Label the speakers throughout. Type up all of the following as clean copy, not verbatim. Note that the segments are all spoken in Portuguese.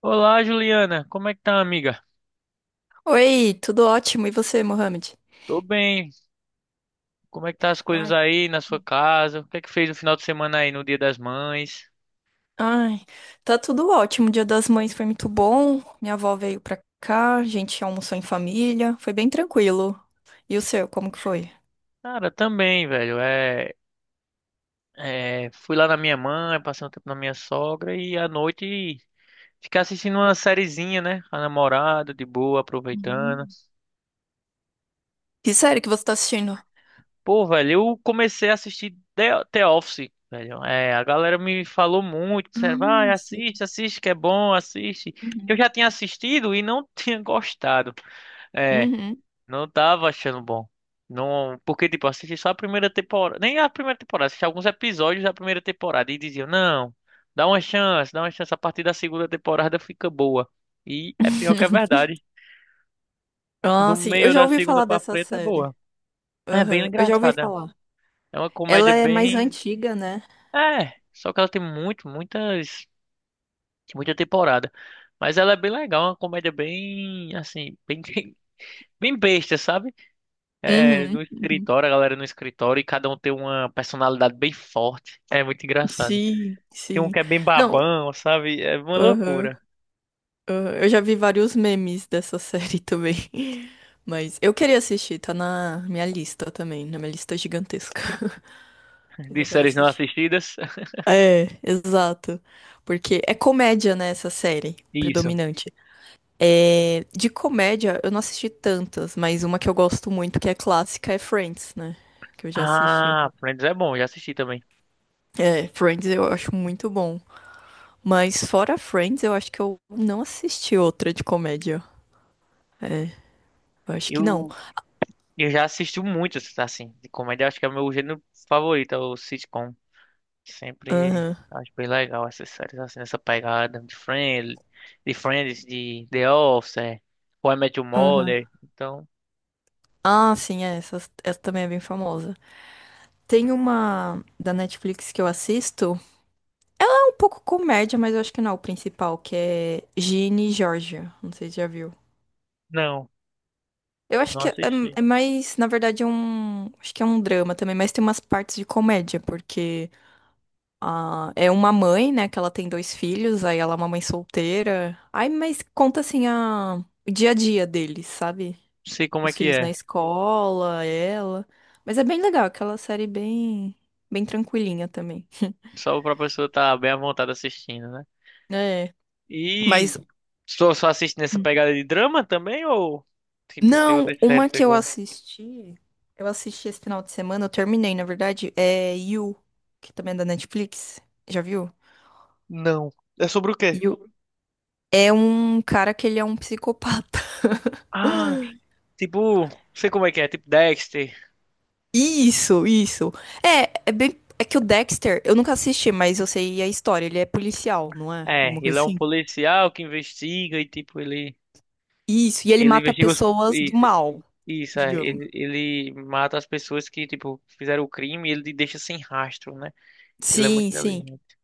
Speaker 1: Olá, Juliana. Como é que tá, amiga?
Speaker 2: Oi, tudo ótimo. E você, Mohamed?
Speaker 1: Tô bem. Como é que tá as coisas
Speaker 2: Ai,
Speaker 1: aí na sua casa? O que é que fez no final de semana aí no Dia das Mães?
Speaker 2: ai, tá tudo ótimo. O Dia das Mães foi muito bom. Minha avó veio pra cá, a gente almoçou em família. Foi bem tranquilo. E o seu, como que foi?
Speaker 1: Cara, também, velho. Fui lá na minha mãe, passei um tempo na minha sogra e à noite ficar assistindo uma sériezinha, né? Com a namorada, de boa, aproveitando.
Speaker 2: Hum. Que série que você tá assistindo?
Speaker 1: Pô, velho, eu comecei a assistir The Office, velho. A galera me falou muito, disseram, vai,
Speaker 2: Ah, sei.
Speaker 1: assiste, assiste, que é bom, assiste. Eu
Speaker 2: Uhum.
Speaker 1: já tinha assistido e não tinha gostado. É,
Speaker 2: Uhum.
Speaker 1: Não tava achando bom. Não, porque tipo, eu assisti só a primeira temporada, nem a primeira temporada, assisti alguns episódios da primeira temporada e diziam: "Não, dá uma chance, a partir da segunda temporada fica boa". E é pior que a verdade.
Speaker 2: Ah,
Speaker 1: Do
Speaker 2: sim, eu
Speaker 1: meio
Speaker 2: já
Speaker 1: da
Speaker 2: ouvi
Speaker 1: segunda
Speaker 2: falar
Speaker 1: pra
Speaker 2: dessa
Speaker 1: frente é
Speaker 2: série.
Speaker 1: boa. É bem
Speaker 2: Aham, eu já ouvi
Speaker 1: engraçada.
Speaker 2: falar.
Speaker 1: É uma comédia
Speaker 2: Ela é mais
Speaker 1: bem,
Speaker 2: antiga, né?
Speaker 1: é, só que ela tem muitas, muita temporada. Mas ela é bem legal, é uma comédia bem assim, bem bem besta, sabe? É,
Speaker 2: Uhum.
Speaker 1: no
Speaker 2: Uhum.
Speaker 1: escritório, a galera no escritório e cada um tem uma personalidade bem forte. É muito engraçado.
Speaker 2: Sim,
Speaker 1: Tem um
Speaker 2: sim.
Speaker 1: que é bem
Speaker 2: Não.
Speaker 1: babão, sabe? É uma
Speaker 2: Aham.
Speaker 1: loucura.
Speaker 2: Ah, eu já vi vários memes dessa série também. Mas eu queria assistir, tá na minha lista também, na minha lista gigantesca. Mas
Speaker 1: De
Speaker 2: eu quero
Speaker 1: séries não
Speaker 2: assistir.
Speaker 1: assistidas.
Speaker 2: É, exato. Porque é comédia, né, essa série,
Speaker 1: Isso.
Speaker 2: predominante. É, de comédia, eu não assisti tantas, mas uma que eu gosto muito, que é clássica, é Friends, né? Que eu já assisti.
Speaker 1: Ah, Friends é bom, já assisti também.
Speaker 2: É, Friends eu acho muito bom. Mas fora Friends, eu acho que eu não assisti outra de comédia. É, eu acho que não.
Speaker 1: Eu, eu já assisti muitos, assim, de comédia. Acho que é o meu gênero favorito, é o sitcom. Sempre
Speaker 2: Aham,
Speaker 1: acho bem legal essas séries, assim, nessa pegada de Friends, de Friends, de The Office, How I Met Your
Speaker 2: aham.
Speaker 1: Mother. Então,
Speaker 2: Ah, sim, é, essa também é bem famosa. Tem uma da Netflix que eu assisto, é um pouco comédia, mas eu acho que não é o principal, que é Ginny e Georgia. Não sei se já viu.
Speaker 1: não,
Speaker 2: Eu acho
Speaker 1: não
Speaker 2: que é,
Speaker 1: assisti.
Speaker 2: é mais, na verdade, é um. Acho que é um drama também, mas tem umas partes de comédia, porque ah, é uma mãe, né, que ela tem dois filhos, aí ela é uma mãe solteira. Ai, mas conta assim o dia a dia deles, sabe?
Speaker 1: Sei como é
Speaker 2: Os
Speaker 1: que
Speaker 2: filhos na
Speaker 1: é.
Speaker 2: escola, ela. Mas é bem legal, aquela série bem, bem tranquilinha também.
Speaker 1: Só pra pessoa estar bem à vontade assistindo, né?
Speaker 2: É.
Speaker 1: E
Speaker 2: Mas,
Speaker 1: só assiste nessa
Speaker 2: Hum.
Speaker 1: pegada de drama também ou tipo tem
Speaker 2: não,
Speaker 1: outras séries
Speaker 2: uma
Speaker 1: que você
Speaker 2: que
Speaker 1: gosta?
Speaker 2: eu assisti esse final de semana, eu terminei, na verdade, é You, que também é da Netflix. Já viu?
Speaker 1: Não. É sobre o quê?
Speaker 2: You é um cara que ele é um psicopata.
Speaker 1: Ah, tipo, sei como é que é, tipo Dexter.
Speaker 2: Isso, isso. É bem. É que o Dexter, eu nunca assisti, mas eu sei a história. Ele é policial, não é?
Speaker 1: É,
Speaker 2: Alguma
Speaker 1: ele
Speaker 2: coisa
Speaker 1: é um
Speaker 2: assim.
Speaker 1: policial que investiga e tipo ele
Speaker 2: Isso, e ele
Speaker 1: ele
Speaker 2: mata
Speaker 1: investiga os
Speaker 2: pessoas do
Speaker 1: isso,
Speaker 2: mal,
Speaker 1: isso é,
Speaker 2: digamos.
Speaker 1: ele, ele mata as pessoas que tipo fizeram o crime e ele deixa sem rastro, né? Ele é muito
Speaker 2: Sim, sim.
Speaker 1: inteligente.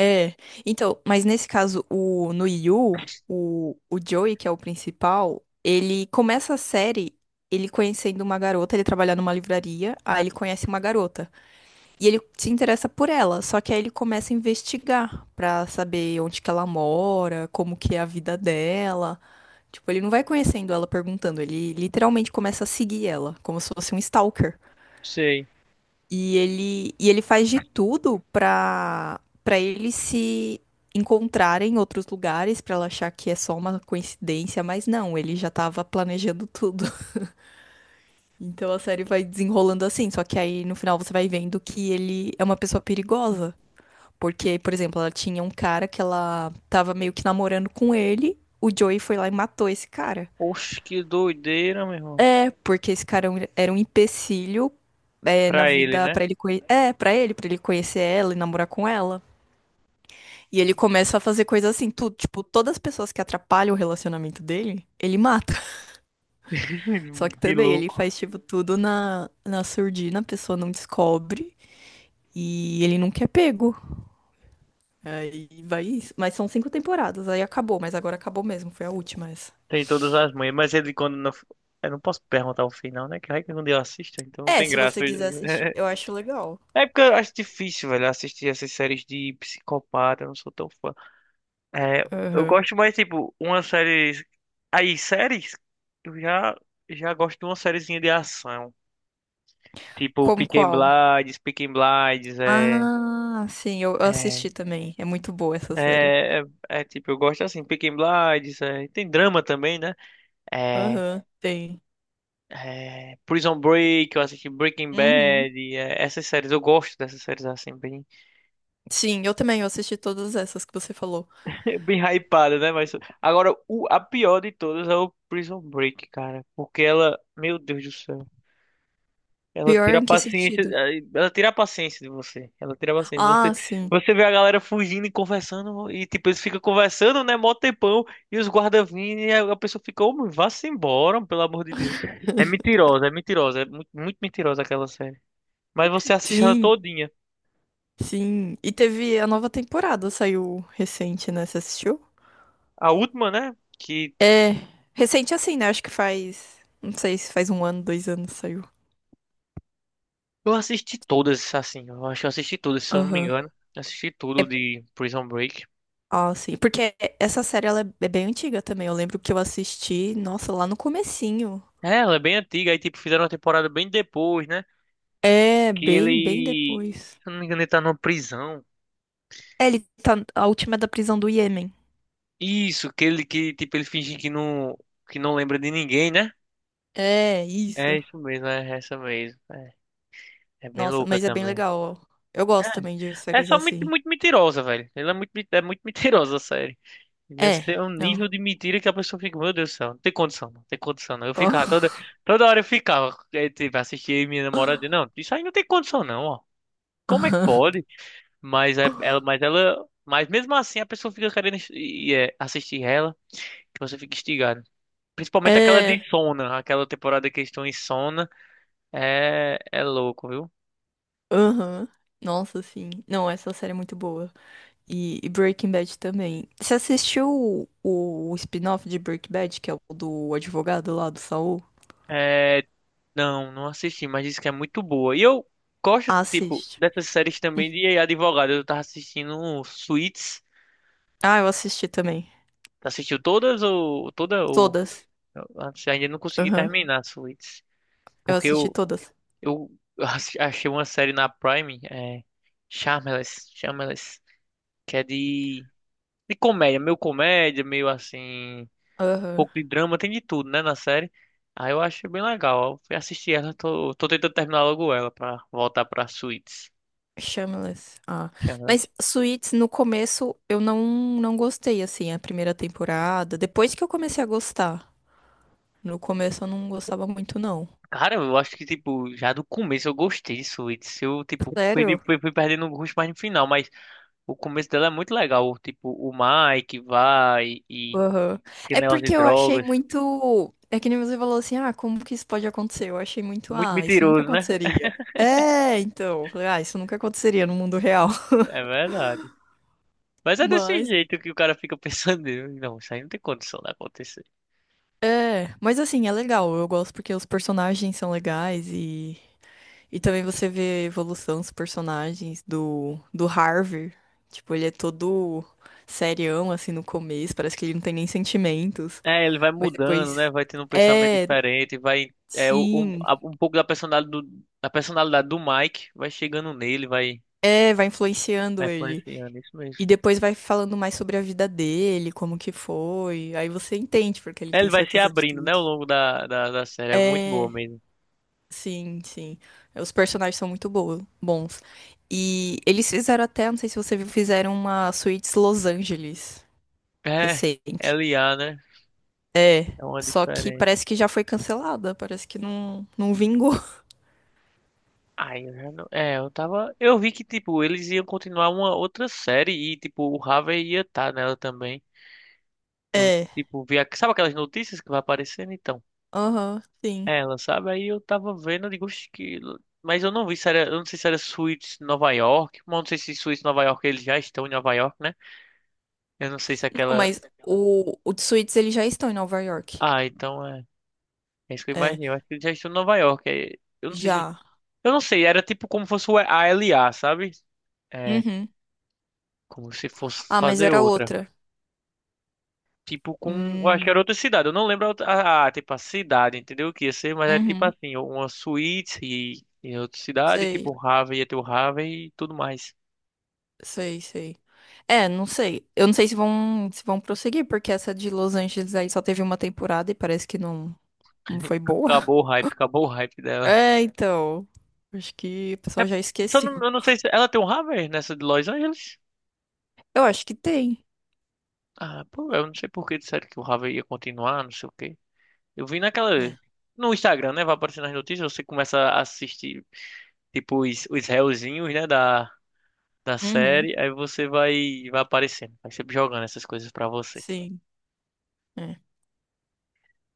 Speaker 2: É. Então, mas nesse caso, no Yu, o Joey, que é o principal, ele começa a série ele conhecendo uma garota, ele trabalha numa livraria, aí ele conhece uma garota. E ele se interessa por ela, só que aí ele começa a investigar pra saber onde que ela mora, como que é a vida dela. Tipo, ele não vai conhecendo ela perguntando, ele literalmente começa a seguir ela, como se fosse um stalker.
Speaker 1: Sei.
Speaker 2: E ele faz de tudo pra para eles se encontrarem em outros lugares, pra ela achar que é só uma coincidência, mas não, ele já tava planejando tudo. Então a série vai desenrolando assim, só que aí no final você vai vendo que ele é uma pessoa perigosa. Porque, por exemplo, ela tinha um cara que ela tava meio que namorando com ele, o Joey foi lá e matou esse cara.
Speaker 1: Oxe, que doideira, meu irmão.
Speaker 2: É, porque esse cara era um empecilho é, na
Speaker 1: Pra ele,
Speaker 2: vida
Speaker 1: né?
Speaker 2: é, para ele conhecer ela e namorar com ela. E ele começa a fazer coisas assim, tudo, tipo, todas as pessoas que atrapalham o relacionamento dele, ele mata. Só que
Speaker 1: Que
Speaker 2: também ele
Speaker 1: louco.
Speaker 2: faz, tipo, tudo na surdina, a pessoa não descobre e ele nunca é pego. Aí vai isso. Mas são cinco temporadas, aí acabou, mas agora acabou mesmo, foi a última essa.
Speaker 1: Tem todas as manhas, mas ele quando não. Eu não posso perguntar o final, né? Que vai que quando eu assisto, então não
Speaker 2: É,
Speaker 1: tem
Speaker 2: se
Speaker 1: graça.
Speaker 2: você quiser assistir, eu acho legal.
Speaker 1: É porque eu acho difícil, velho, assistir essas séries de psicopata, eu não sou tão fã. É, eu
Speaker 2: Aham.
Speaker 1: gosto mais, tipo, uma série. Aí, séries, eu já, já gosto de uma sériezinha de ação. Tipo,
Speaker 2: Como qual?
Speaker 1: Peaky Blinders,
Speaker 2: Ah, sim, eu
Speaker 1: é,
Speaker 2: assisti também. É muito boa essa série.
Speaker 1: é, é, tipo, eu gosto assim, Peaky Blinders, é, tem drama também, né? É,
Speaker 2: Aham, tem.
Speaker 1: Prison Break, eu assisti Breaking
Speaker 2: Uhum.
Speaker 1: Bad, é, essas séries, eu gosto dessas séries assim, bem,
Speaker 2: Sim, eu também, eu assisti todas essas que você falou.
Speaker 1: bem hypadas, né? Mas agora, a pior de todas é o Prison Break, cara, porque ela, meu Deus do céu, ela
Speaker 2: Pior
Speaker 1: tira a
Speaker 2: em que
Speaker 1: paciência,
Speaker 2: sentido?
Speaker 1: ela tira a paciência de você, ela tira a paciência.
Speaker 2: Ah, sim.
Speaker 1: Você vê a galera fugindo e conversando, e tipo, eles ficam conversando, né, mó tempão, e os guardas vindo, e a pessoa fica, ô, vá-se embora, pelo amor de Deus. É mentirosa, é mentirosa, é muito, muito mentirosa aquela série. Mas você assiste ela
Speaker 2: Sim,
Speaker 1: todinha.
Speaker 2: sim. E teve a nova temporada, saiu recente, né? Você assistiu?
Speaker 1: A última, né? Que
Speaker 2: É, recente assim, né? Acho que faz. Não sei se faz 1 ano, 2 anos saiu.
Speaker 1: Eu assisti todas, assim. Eu acho que eu assisti todas, se eu não me
Speaker 2: Aham.
Speaker 1: engano. Assisti tudo
Speaker 2: É,
Speaker 1: de Prison Break.
Speaker 2: ah, sim. Porque essa série ela é bem antiga também. Eu lembro que eu assisti, nossa, lá no comecinho.
Speaker 1: É, ela é bem antiga. Aí, tipo, fizeram uma temporada bem depois, né?
Speaker 2: É,
Speaker 1: Que
Speaker 2: bem, bem
Speaker 1: ele.
Speaker 2: depois.
Speaker 1: Se eu não me engano, ele tá numa prisão.
Speaker 2: É, ele tá. A última é da prisão do Iêmen.
Speaker 1: Isso, que ele finge que não lembra de ninguém, né?
Speaker 2: É,
Speaker 1: É
Speaker 2: isso.
Speaker 1: isso mesmo, é essa mesmo. É bem
Speaker 2: Nossa,
Speaker 1: louca
Speaker 2: mas é bem
Speaker 1: também.
Speaker 2: legal. Eu gosto também de
Speaker 1: É, É
Speaker 2: séries
Speaker 1: só muito,
Speaker 2: assim.
Speaker 1: muito mentirosa, velho. Ela é muito mentirosa, a série. Deve
Speaker 2: É,
Speaker 1: ser um
Speaker 2: não.
Speaker 1: nível de mentira que a pessoa fica, meu Deus do céu, não tem condição, não tem condição, não. Toda hora eu ficava, tipo, assistia minha namorada, dizia,
Speaker 2: Ah.
Speaker 1: não, isso aí não tem condição, não, ó. Como é que
Speaker 2: Aham.
Speaker 1: pode? Mas mesmo assim a pessoa fica querendo assistir ela, que você fica instigado. Principalmente aquela
Speaker 2: É,
Speaker 1: de Sona, aquela temporada que eles estão em Sona, é louco, viu?
Speaker 2: aham. Nossa, sim. Não, essa série é muito boa. E Breaking Bad também. Você assistiu o spin-off de Breaking Bad, que é o do advogado lá do Saul?
Speaker 1: É, não, não assisti, mas disse que é muito boa. E eu gosto, tipo,
Speaker 2: Assiste.
Speaker 1: dessas séries também de advogado. Eu tava assistindo um Suits.
Speaker 2: Ah, eu assisti também.
Speaker 1: Assistiu todas ou toda ou
Speaker 2: Todas.
Speaker 1: eu ainda não consegui
Speaker 2: Aham.
Speaker 1: terminar Suits,
Speaker 2: Eu
Speaker 1: porque
Speaker 2: assisti
Speaker 1: eu
Speaker 2: todas.
Speaker 1: eu achei uma série na Prime, é Shameless, que é de comédia, meio assim, um
Speaker 2: Aham.
Speaker 1: pouco de drama, tem de tudo, né, na série. Aí eu achei bem legal. Eu fui assistir ela, tô tentando terminar logo ela pra voltar pra Suits.
Speaker 2: Shameless. Ah.
Speaker 1: Shameless.
Speaker 2: Mas Suits, no começo, eu não gostei, assim, a primeira temporada. Depois que eu comecei a gostar. No começo eu não gostava muito, não.
Speaker 1: Cara, eu acho que tipo, já do começo eu gostei de Suits. Eu tipo,
Speaker 2: Sério?
Speaker 1: fui perdendo o gosto mais no final, mas o começo dela é muito legal. Tipo, o Mike vai e
Speaker 2: Aham. É
Speaker 1: aquele negócio
Speaker 2: porque
Speaker 1: de
Speaker 2: eu achei
Speaker 1: drogas.
Speaker 2: muito. É que nem você falou assim, ah, como que isso pode acontecer? Eu achei muito,
Speaker 1: Muito
Speaker 2: ah, isso nunca
Speaker 1: mentiroso, né?
Speaker 2: aconteceria. É, então. Falei, ah, isso nunca aconteceria no mundo real.
Speaker 1: É verdade. Mas é desse
Speaker 2: Mas.
Speaker 1: jeito que o cara fica pensando. Não, isso aí não tem condição de acontecer.
Speaker 2: É, mas assim, é legal. Eu gosto porque os personagens são legais e. E também você vê a evolução dos personagens do Harvey. Tipo, ele é todo serião, assim, no começo. Parece que ele não tem nem sentimentos.
Speaker 1: É, ele vai
Speaker 2: Mas
Speaker 1: mudando, né?
Speaker 2: depois.
Speaker 1: Vai tendo um pensamento
Speaker 2: É,
Speaker 1: diferente. Vai.
Speaker 2: sim.
Speaker 1: Um pouco da personalidade do Mike vai chegando nele,
Speaker 2: É, vai
Speaker 1: vai
Speaker 2: influenciando ele.
Speaker 1: influenciando. Isso mesmo.
Speaker 2: E depois vai falando mais sobre a vida dele, como que foi. Aí você entende porque ele
Speaker 1: É, ele
Speaker 2: tem
Speaker 1: vai se
Speaker 2: certas
Speaker 1: abrindo, né? Ao
Speaker 2: atitudes.
Speaker 1: longo da série. É muito boa
Speaker 2: É,
Speaker 1: mesmo.
Speaker 2: sim, sim. Os personagens são muito bons. E eles fizeram até, não sei se você viu, fizeram uma Suítes Los Angeles
Speaker 1: É,
Speaker 2: recente.
Speaker 1: LA, né?
Speaker 2: É,
Speaker 1: É uma
Speaker 2: só que
Speaker 1: diferente.
Speaker 2: parece que já foi cancelada, parece que não, não vingou.
Speaker 1: Ai, eu já não... É, eu tava. Eu vi que, tipo, eles iam continuar uma outra série e, tipo, o Harvey ia estar nela também. Eu,
Speaker 2: É,
Speaker 1: Vi. Sabe aquelas notícias que vai aparecendo? Então,
Speaker 2: aham, sim.
Speaker 1: ela, sabe? Aí eu tava vendo, eu digo, "Oxe, que. Mas eu não vi se era. Eu não sei se era Suits Nova York. Mas eu não sei se Suits Nova York eles já estão em Nova York, né? Eu não sei se
Speaker 2: Não,
Speaker 1: aquela.
Speaker 2: mas o de Suítes eles já estão em Nova York.
Speaker 1: Ah, então é. É isso que eu
Speaker 2: É,
Speaker 1: imaginei. Eu acho que eles já estão em Nova York. É, Eu não sei se.
Speaker 2: já.
Speaker 1: Eu não sei, era tipo como fosse a LA, sabe? É,
Speaker 2: Uhum.
Speaker 1: Como se fosse
Speaker 2: Ah, mas
Speaker 1: fazer
Speaker 2: era
Speaker 1: outra.
Speaker 2: outra.
Speaker 1: Tipo, com. Eu acho que
Speaker 2: Hum,
Speaker 1: era outra cidade. Eu não lembro a, outra- a, tipo, a cidade, entendeu? O que ia ser, mas é tipo
Speaker 2: uhum,
Speaker 1: assim, uma suíte e outra cidade,
Speaker 2: sei,
Speaker 1: tipo, o Harvey e tudo mais.
Speaker 2: sei, sei. É, não sei. Eu não sei se vão prosseguir, porque essa de Los Angeles aí só teve uma temporada e parece que não, não foi boa.
Speaker 1: Acabou o hype dela.
Speaker 2: É, então. Acho que o
Speaker 1: É,
Speaker 2: pessoal já
Speaker 1: só
Speaker 2: esqueceu.
Speaker 1: não- Eu não sei se ela tem um Harvey nessa de Los Angeles.
Speaker 2: Eu acho que tem.
Speaker 1: Ah, pô, eu não sei por que disseram que o Harvey ia continuar, não sei o quê. Eu vi naquela.
Speaker 2: Né?
Speaker 1: No Instagram, né? Vai aparecer nas notícias, você começa a assistir, tipo, os réuzinhos, né? Da
Speaker 2: Uhum,
Speaker 1: série, aí você vai aparecendo, vai sempre jogando essas coisas pra você.
Speaker 2: sim. É.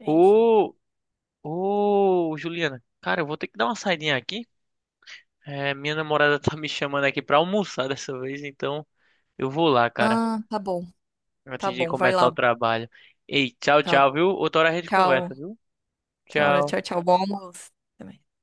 Speaker 2: Enfim.
Speaker 1: Ô, ô, Juliana, cara, eu vou ter que dar uma saidinha aqui. É, minha namorada tá me chamando aqui pra almoçar dessa vez, então eu vou lá, cara,
Speaker 2: Ah, tá bom. Tá
Speaker 1: antes de
Speaker 2: bom, vai
Speaker 1: começar o
Speaker 2: lá.
Speaker 1: trabalho. Ei, tchau,
Speaker 2: Tá.
Speaker 1: tchau, viu? Outra hora a gente
Speaker 2: Tchau.
Speaker 1: conversa, viu?
Speaker 2: Tchau,
Speaker 1: Tchau.
Speaker 2: tchau, tchau. Bom almoço. Até mais.